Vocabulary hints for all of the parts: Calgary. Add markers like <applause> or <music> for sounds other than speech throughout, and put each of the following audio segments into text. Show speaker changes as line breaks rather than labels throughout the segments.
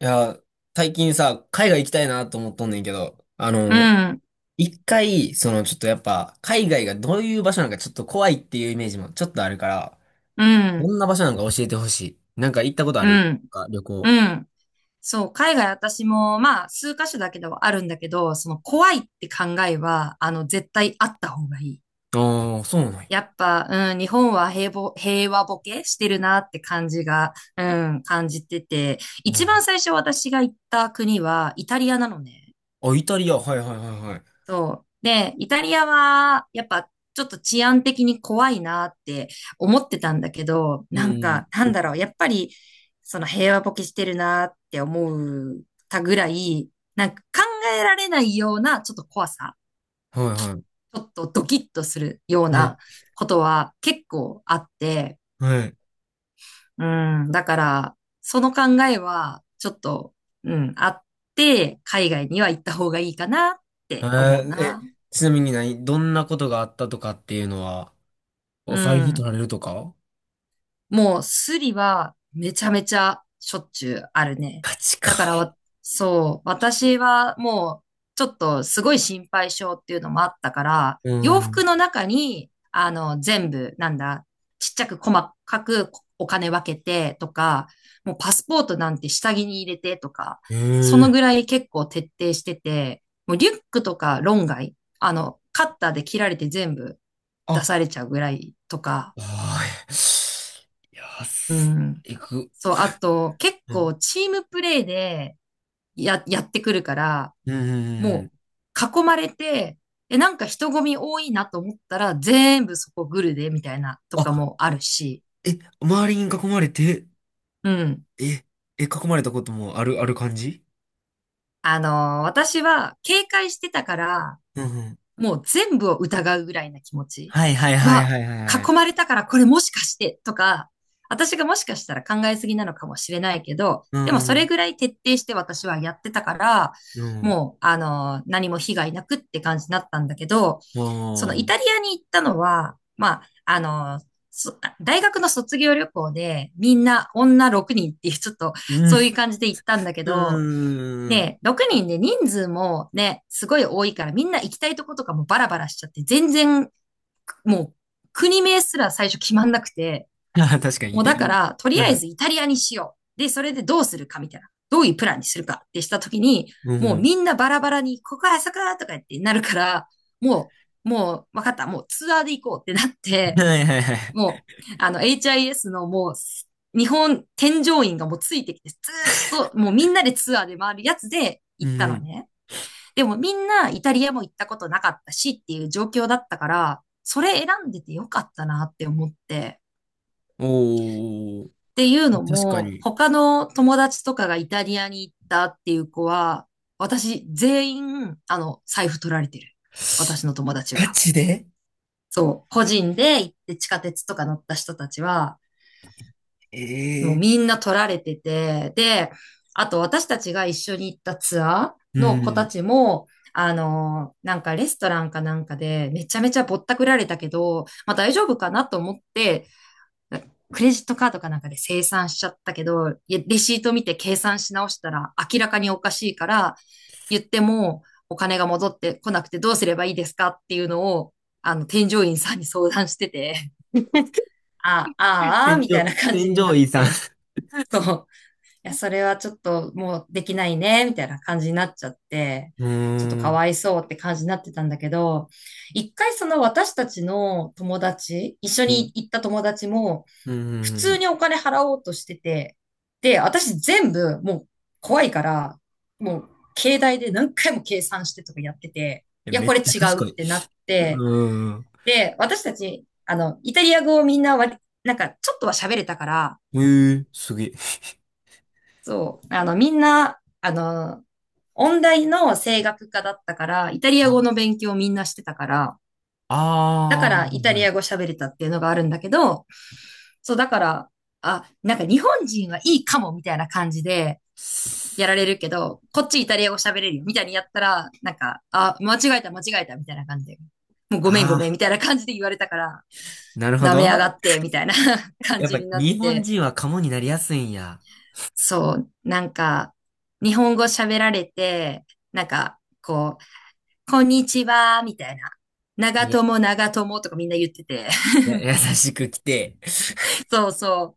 いや、最近さ、海外行きたいなと思っとんねんけど、
うん、
一回、そのちょっとやっぱ、海外がどういう場所なんかちょっと怖いっていうイメージもちょっとあるから、
う
ど
ん、
んな場所なんか教えてほしい。なんか行ったことあ
う
る
ん、
か、旅行。
うん。そう、海外私も、まあ、数カ所だけではあるんだけど、その怖いって考えは、絶対あった方がいい。
ああ、そうなんや。
やっぱ、うん、日本は平和ボケしてるなって感じが、うん、感じてて、
う
一
ん。
番最初私が行った国はイタリアなのね。
あ、イタリア、はいはいはいはい。
そう。で、イタリアは、やっぱ、ちょっと治安的に怖いなって思ってたんだけど、
う
なん
ん、
か、なんだろう、やっぱり、その平和ボケしてるなって思うたぐらい、なんか考えられないような、ちょっと怖さ、
はいは
ちょっとドキッとするよう
い。え、
なことは結構あって、
はい。
うん、だから、その考えは、ちょっと、うん、あって、海外には行った方がいいかなっ
え
て思う
ー、
な。
え、ちなみにどんなことがあったとかっていうのは、お
う
財布取
ん。
られるとか、
もうスリはめちゃめちゃしょっちゅうあるね。
ガチか。
だからわ、そう、私はもうちょっとすごい心配性っていうのもあったから、
う
洋服
ん。
の中に、全部、なんだ、ちっちゃく細かくお金分けてとか、もうパスポートなんて下着に入れてとか、
え
その
え。
ぐらい結構徹底してて、もうリュックとか論外、カッターで切られて全部出
あ
されちゃうぐらいとか、
あー、いやー、
うん。
行く。
そう、あと、結
うん。
構チームプレイでやってくるから、
うん。うんう
も
ん。
う囲まれて、え、なんか人混み多いなと思ったら、全部そこグルで、みたいなとか
あ、
もあるし、
え、周りに囲まれて、
うん。
え、え、囲まれたこともある感じ。
あの私は警戒してたから、
うんうん。
もう全部を疑うぐらいな気持ち
はいはいはい
は、
はいはいは
囲
い。
まれたからこれもしかしてとか、私がもしかしたら考えすぎなのかもしれないけど、
う
でもそれ
ん。
ぐらい徹底して私はやってたから、
うん。
もう、何も被害なくって感じになったんだけど、
あ
そのイタ
あ。
リアに行ったのは、まあ、大学の卒業旅行でみんな女6人っていうちょっと
うん。
そういう感じで行ったんだけ
う
ど、
ん。
で、6人で人数もね、すごい多いから、みんな行きたいとことかもバラバラしちゃって、全然、もう、国名すら最初決まんなくて、
<laughs> ああ、確か
も
に。
うだから、とり
う
あえ
ん。
ずイタリアにしよう。で、それでどうするかみたいな。どういうプランにするかってしたときに、
う
もう
ん。
みんなバラバラに、ここあそこだとか言ってなるから、もう、もう、わかった。もうツアーで行こうってなって、
はいはいはい。
もう、HIS のもう、日本添乗員がもうついてきて、ずーっと、もうみんなでツアーで回るやつで
う
行ったの
ん。
ね。でもみんなイタリアも行ったことなかったしっていう状況だったから、それ選んでてよかったなって思って。
おー。
っていうの
確か
も、
に。
他の友達とかがイタリアに行ったっていう子は、私全員、財布取られてる。私の友達
ガ
は。
チで。
そう。個人で行って地下鉄とか乗った人たちは、もう
え
み
え
んな取られてて、で、あと私たちが一緒に行ったツア
ー。う
ーの子た
ん。
ちも、なんかレストランかなんかでめちゃめちゃぼったくられたけど、まあ大丈夫かなと思って、クレジットカードかなんかで清算しちゃったけど、いやレシート見て計算し直したら明らかにおかしいから、言ってもお金が戻ってこなくてどうすればいいですかっていうのを、添乗員さんに相談してて、ああ、ああ、
天
みた
井、
いな感じ
天
にな
井
っ
医さん。
て、そう。や、それはちょっともうできないね、みたいな感じになっちゃって、
うー
ちょっとか
ん。
わいそうって感じになってたんだけど、一回その私たちの友達、一緒
う
に
ん。
行った友達も、
う
普通
ん。
にお金払おうとしてて、で、私全部もう怖いから、もう携帯で何回も計算してとかやってて、
え、
いや、
めっ
これ
ちゃ
違うっ
賢い。
てなっ
う
て、
ーん。
で、私たち、イタリア語をみんななんかちょっとは喋れたから、
すげえ。
そう。みんな、音大の声楽科だったから、イタリア語の勉強をみんなしてたから、だ
ああ
からイ
ー、
タ
は
リア語
い。
喋れたっていうのがあるんだけど、そう、だから、あ、なんか日本人はいいかもみたいな感じでやられるけど、こっちイタリア語喋れるよみたいにやったら、なんか、あ、間違えた間違えたみたいな感じで、もうごめんご
あ
めんみたいな感じで言われたから、
ー、なるほ
舐め
ど。
やがってみたいな <laughs> 感
やっ
じ
ぱ
になっ
日本
て、
人はカモになりやすいんや。
そう、なんか、日本語喋られて、なんか、こう、こんにちは、みたいな。
い
長
や、
友、長友とかみんな言ってて。
優しく来て。<laughs>
<laughs> そうそう。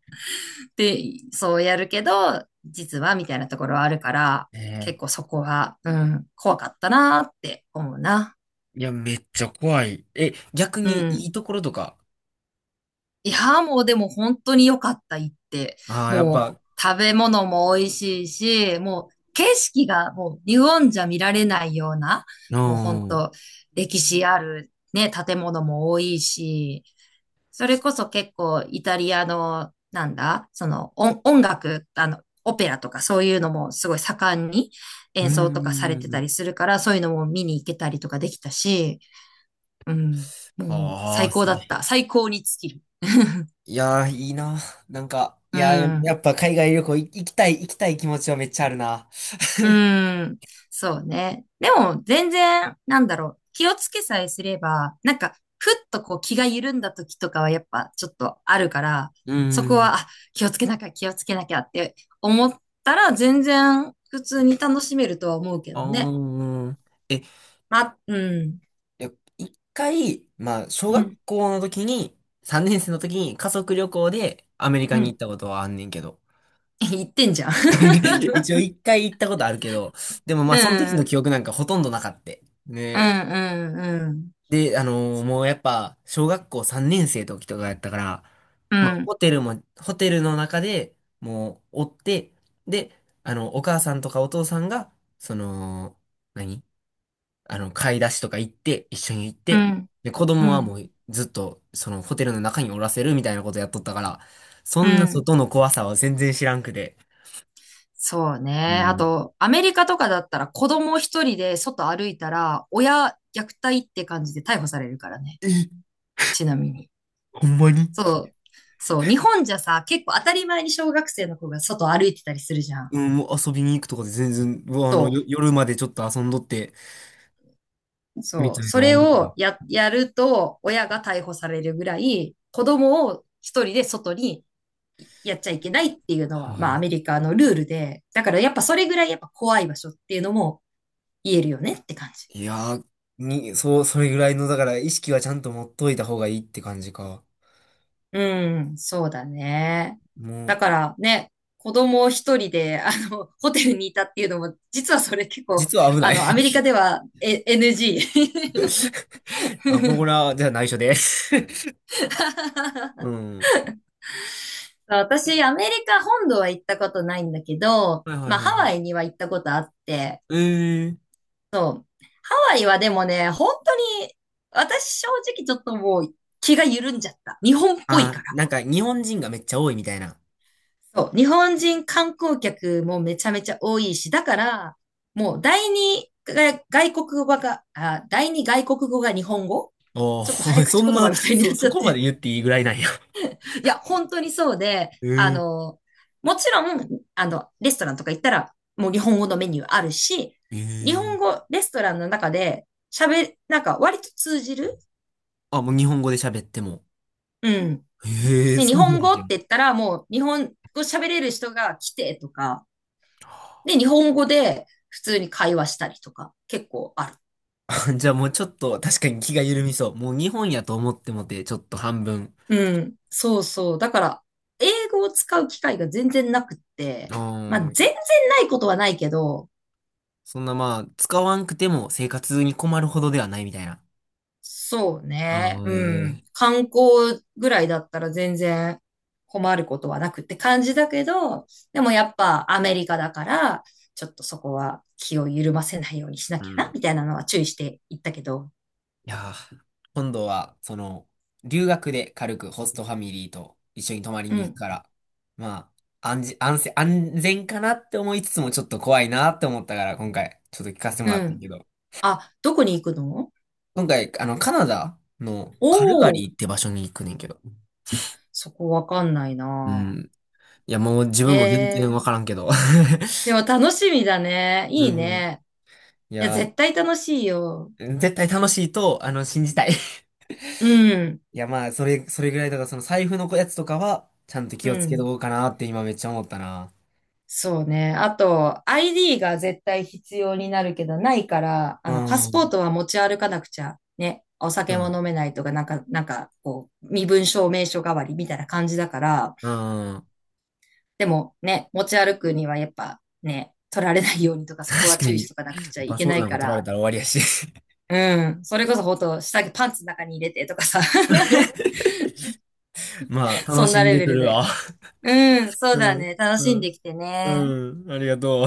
で、そうやるけど、実は、みたいなところはあるから、
え
結構
ー
そこは、うん、怖かったなーって思うな。
いや、めっちゃ怖い。え、逆
う
にい
ん。
いところとか。
いや、もうでも本当に良かった、行って。
ああ、やっ
も
ぱ、
う食べ物も美味しいし、もう景色がもう日本じゃ見られないような、
う
もう本
ん。う
当歴史あるね、建物も多いし、それこそ結構イタリアの、なんだ、その音楽、オペラとかそういうのもすごい盛んに
ー
演奏とかされてたり
ん。
するから、そういうのも見に行けたりとかできたし、うん、もう
ああ、
最高
す
だ
げ
っ
え。
た。最高に尽きる。<laughs>
いやー、いいな。なんか、い
う
やー、や
ん。
っぱ海外旅行行きたい、気持ちはめっちゃあるな。
うん。そうね。でも、全然、なんだろう。気をつけさえすれば、なんか、ふっとこう気が緩んだ時とかはやっぱちょっとあるから、
う
そ
ー
こ
ん。
は、あ、気をつけなきゃ、気をつけなきゃって思ったら、全然普通に楽しめるとは思うけどね。
ああ。い
まあ、うん。
や、一回、まあ、小
う
学
ん。
校の時に、3年生の時に家族旅行でアメリカ
う
に行っ
ん。
たことはあんねんけど。
<laughs> 言ってんじゃん。
<laughs> 一応
<laughs>
一回行ったことあるけど、でもまあ、その時
う
の
ん。
記憶なんかほとんどなかった。
うん。
ね。
うん。
で、もうやっぱ、小学校3年生の時とかやったから、
う
まあ、
ん。
ホテルの中でもう、おって、で、お母さんとかお父さんが、その、何買い出しとか行って、一緒に行っ
う
て、
ん。
で、子
うん。
供
う
はも
ん。
う、ずっと、その、ホテルの中におらせるみたいなことやっとったから、そ
う
んな
ん。
外の怖さは全然知らんくて。
そう
う
ね。あ
ん。
と、アメリカとかだったら子供一人で外歩いたら、親虐待って感じで逮捕されるからね。
え、
ちなみに。
ほんまに。
そう。そう。日本じゃさ、結構当たり前に小学生の子が外歩いてたりするじゃん。
うん、もう遊びに行くとかで全然、うわ
そ
夜までちょっと遊んどって、
う。
み
そ
た
う。
いな
そ
の
れ
あるけど。
をやると、親が逮捕されるぐらい、子供を一人で外にやっちゃいけないっていうの
は
は、まあア
あ、
メリカのルールで、だからやっぱそれぐらいやっぱ怖い場所っていうのも言えるよねって感じ。
いやー、そう、それぐらいの、だから意識はちゃんと持っといた方がいいって感じか。
うん、そうだね。
もう、
だからね、子供一人で、<laughs> ホテルにいたっていうのも、実はそれ結構、
実は危ない。
アメリカでは、NG。
<laughs> あ、これは、じゃあ内緒で。 <laughs> う
<laughs>
ん。
私、アメリカ本土は行ったことないんだけど、
はいはい
ま
は
あ、
い
ハ
は
ワイ
い。
には行ったことあって、
えー。
ハワイはでもね、本当に、私正直ちょっともう気が緩んじゃった。日本っぽい
あ、
から。
なんか日本人がめっちゃ多いみたいな。
そう、日本人観光客もめちゃめちゃ多いし、だから、もう第二外国語が日本語
お
ちょっと早
ー、<laughs> そ
口
ん
言
な、
葉みたいになっち
そ
ゃっ
こまで
て。
言っていいぐらいなんや。
<laughs> いや、本当にそうで、
<laughs> えー。
もちろん、レストランとか行ったら、もう日本語のメニューあるし、
え
日
ー。
本語、レストランの中でなんか割と通じる
あ、もう日本語で喋っても。
うん。
ええ、
で、日
そうな
本
ん
語っ
や。
て言ったら、もう日本語喋れる人が来てとか、で、日本語で普通に会話したりとか、結構ある。
<laughs> じゃあもうちょっと確かに気が緩みそう。もう日本やと思ってもて、ちょっと半分。
うん。そうそう。だから、英語を使う機会が全然なくって、
あ
まあ、全
ー、
然ないことはないけど、
そんなまあ、使わんくても生活に困るほどではないみたいな。
そうね。
ああ、
うん。
ええ。
観光ぐらいだったら全然困ることはなくって感じだけど、でもやっぱアメリカだから、ちょっとそこは気を緩ませないようにしな
う
きゃな、
ん。
みたいなのは注意していったけど。
いやー、今度は、その、留学で軽くホストファミリーと一緒に泊まり
う
に行く
ん。
から、まあ、安全、安全、安全かなって思いつつもちょっと怖いなって思ったから、今回、ちょっと聞かせてもら
う
った
ん。
けど。
あ、どこに行くの？
今回、カナダの
お
カルガ
おー。
リーって場所に行くねんけど。
そこわかんない
う
な。
ん。いや、もう自
え
分も全然
え
わ
ー。
からんけど。
でも楽しみだね。
<laughs> う
いい
ん。
ね。
い
いや、
や
絶対楽しいよ。
ー、絶対楽しいと、信じたい。
うん。
いや、まあ、それぐらいだから、その財布のやつとかは、ちゃんと
う
気をつけと
ん。
こうかなって今めっちゃ思ったな。
そうね。あと、ID が絶対必要になるけど、ないから、
う
パスポー
ん。
トは持ち歩かなくちゃ。ね。お
そ
酒
う
も飲め
だ。
ないとか、なんか、こう、身分証明書代わりみたいな感じだから、
うん。
でもね、持ち歩くにはやっぱね、取られないようにとか、そこ
確
は
か
注意し
に、
とかなくちゃい
パス
け
ポー
な
トな
い
んか
か
取られ
ら、
たら終わりやし。
うん。それこそほんと、下着パンツの中に入れてとかさ。<laughs>
<laughs> まあ、楽
そん
し
な
ん
レ
で
ベ
く
ル
る
だよ。
わ。<laughs>
うん、そうだ
うん、
ね。楽しん
う
で
ん、
きてね。
うん、ありがとう。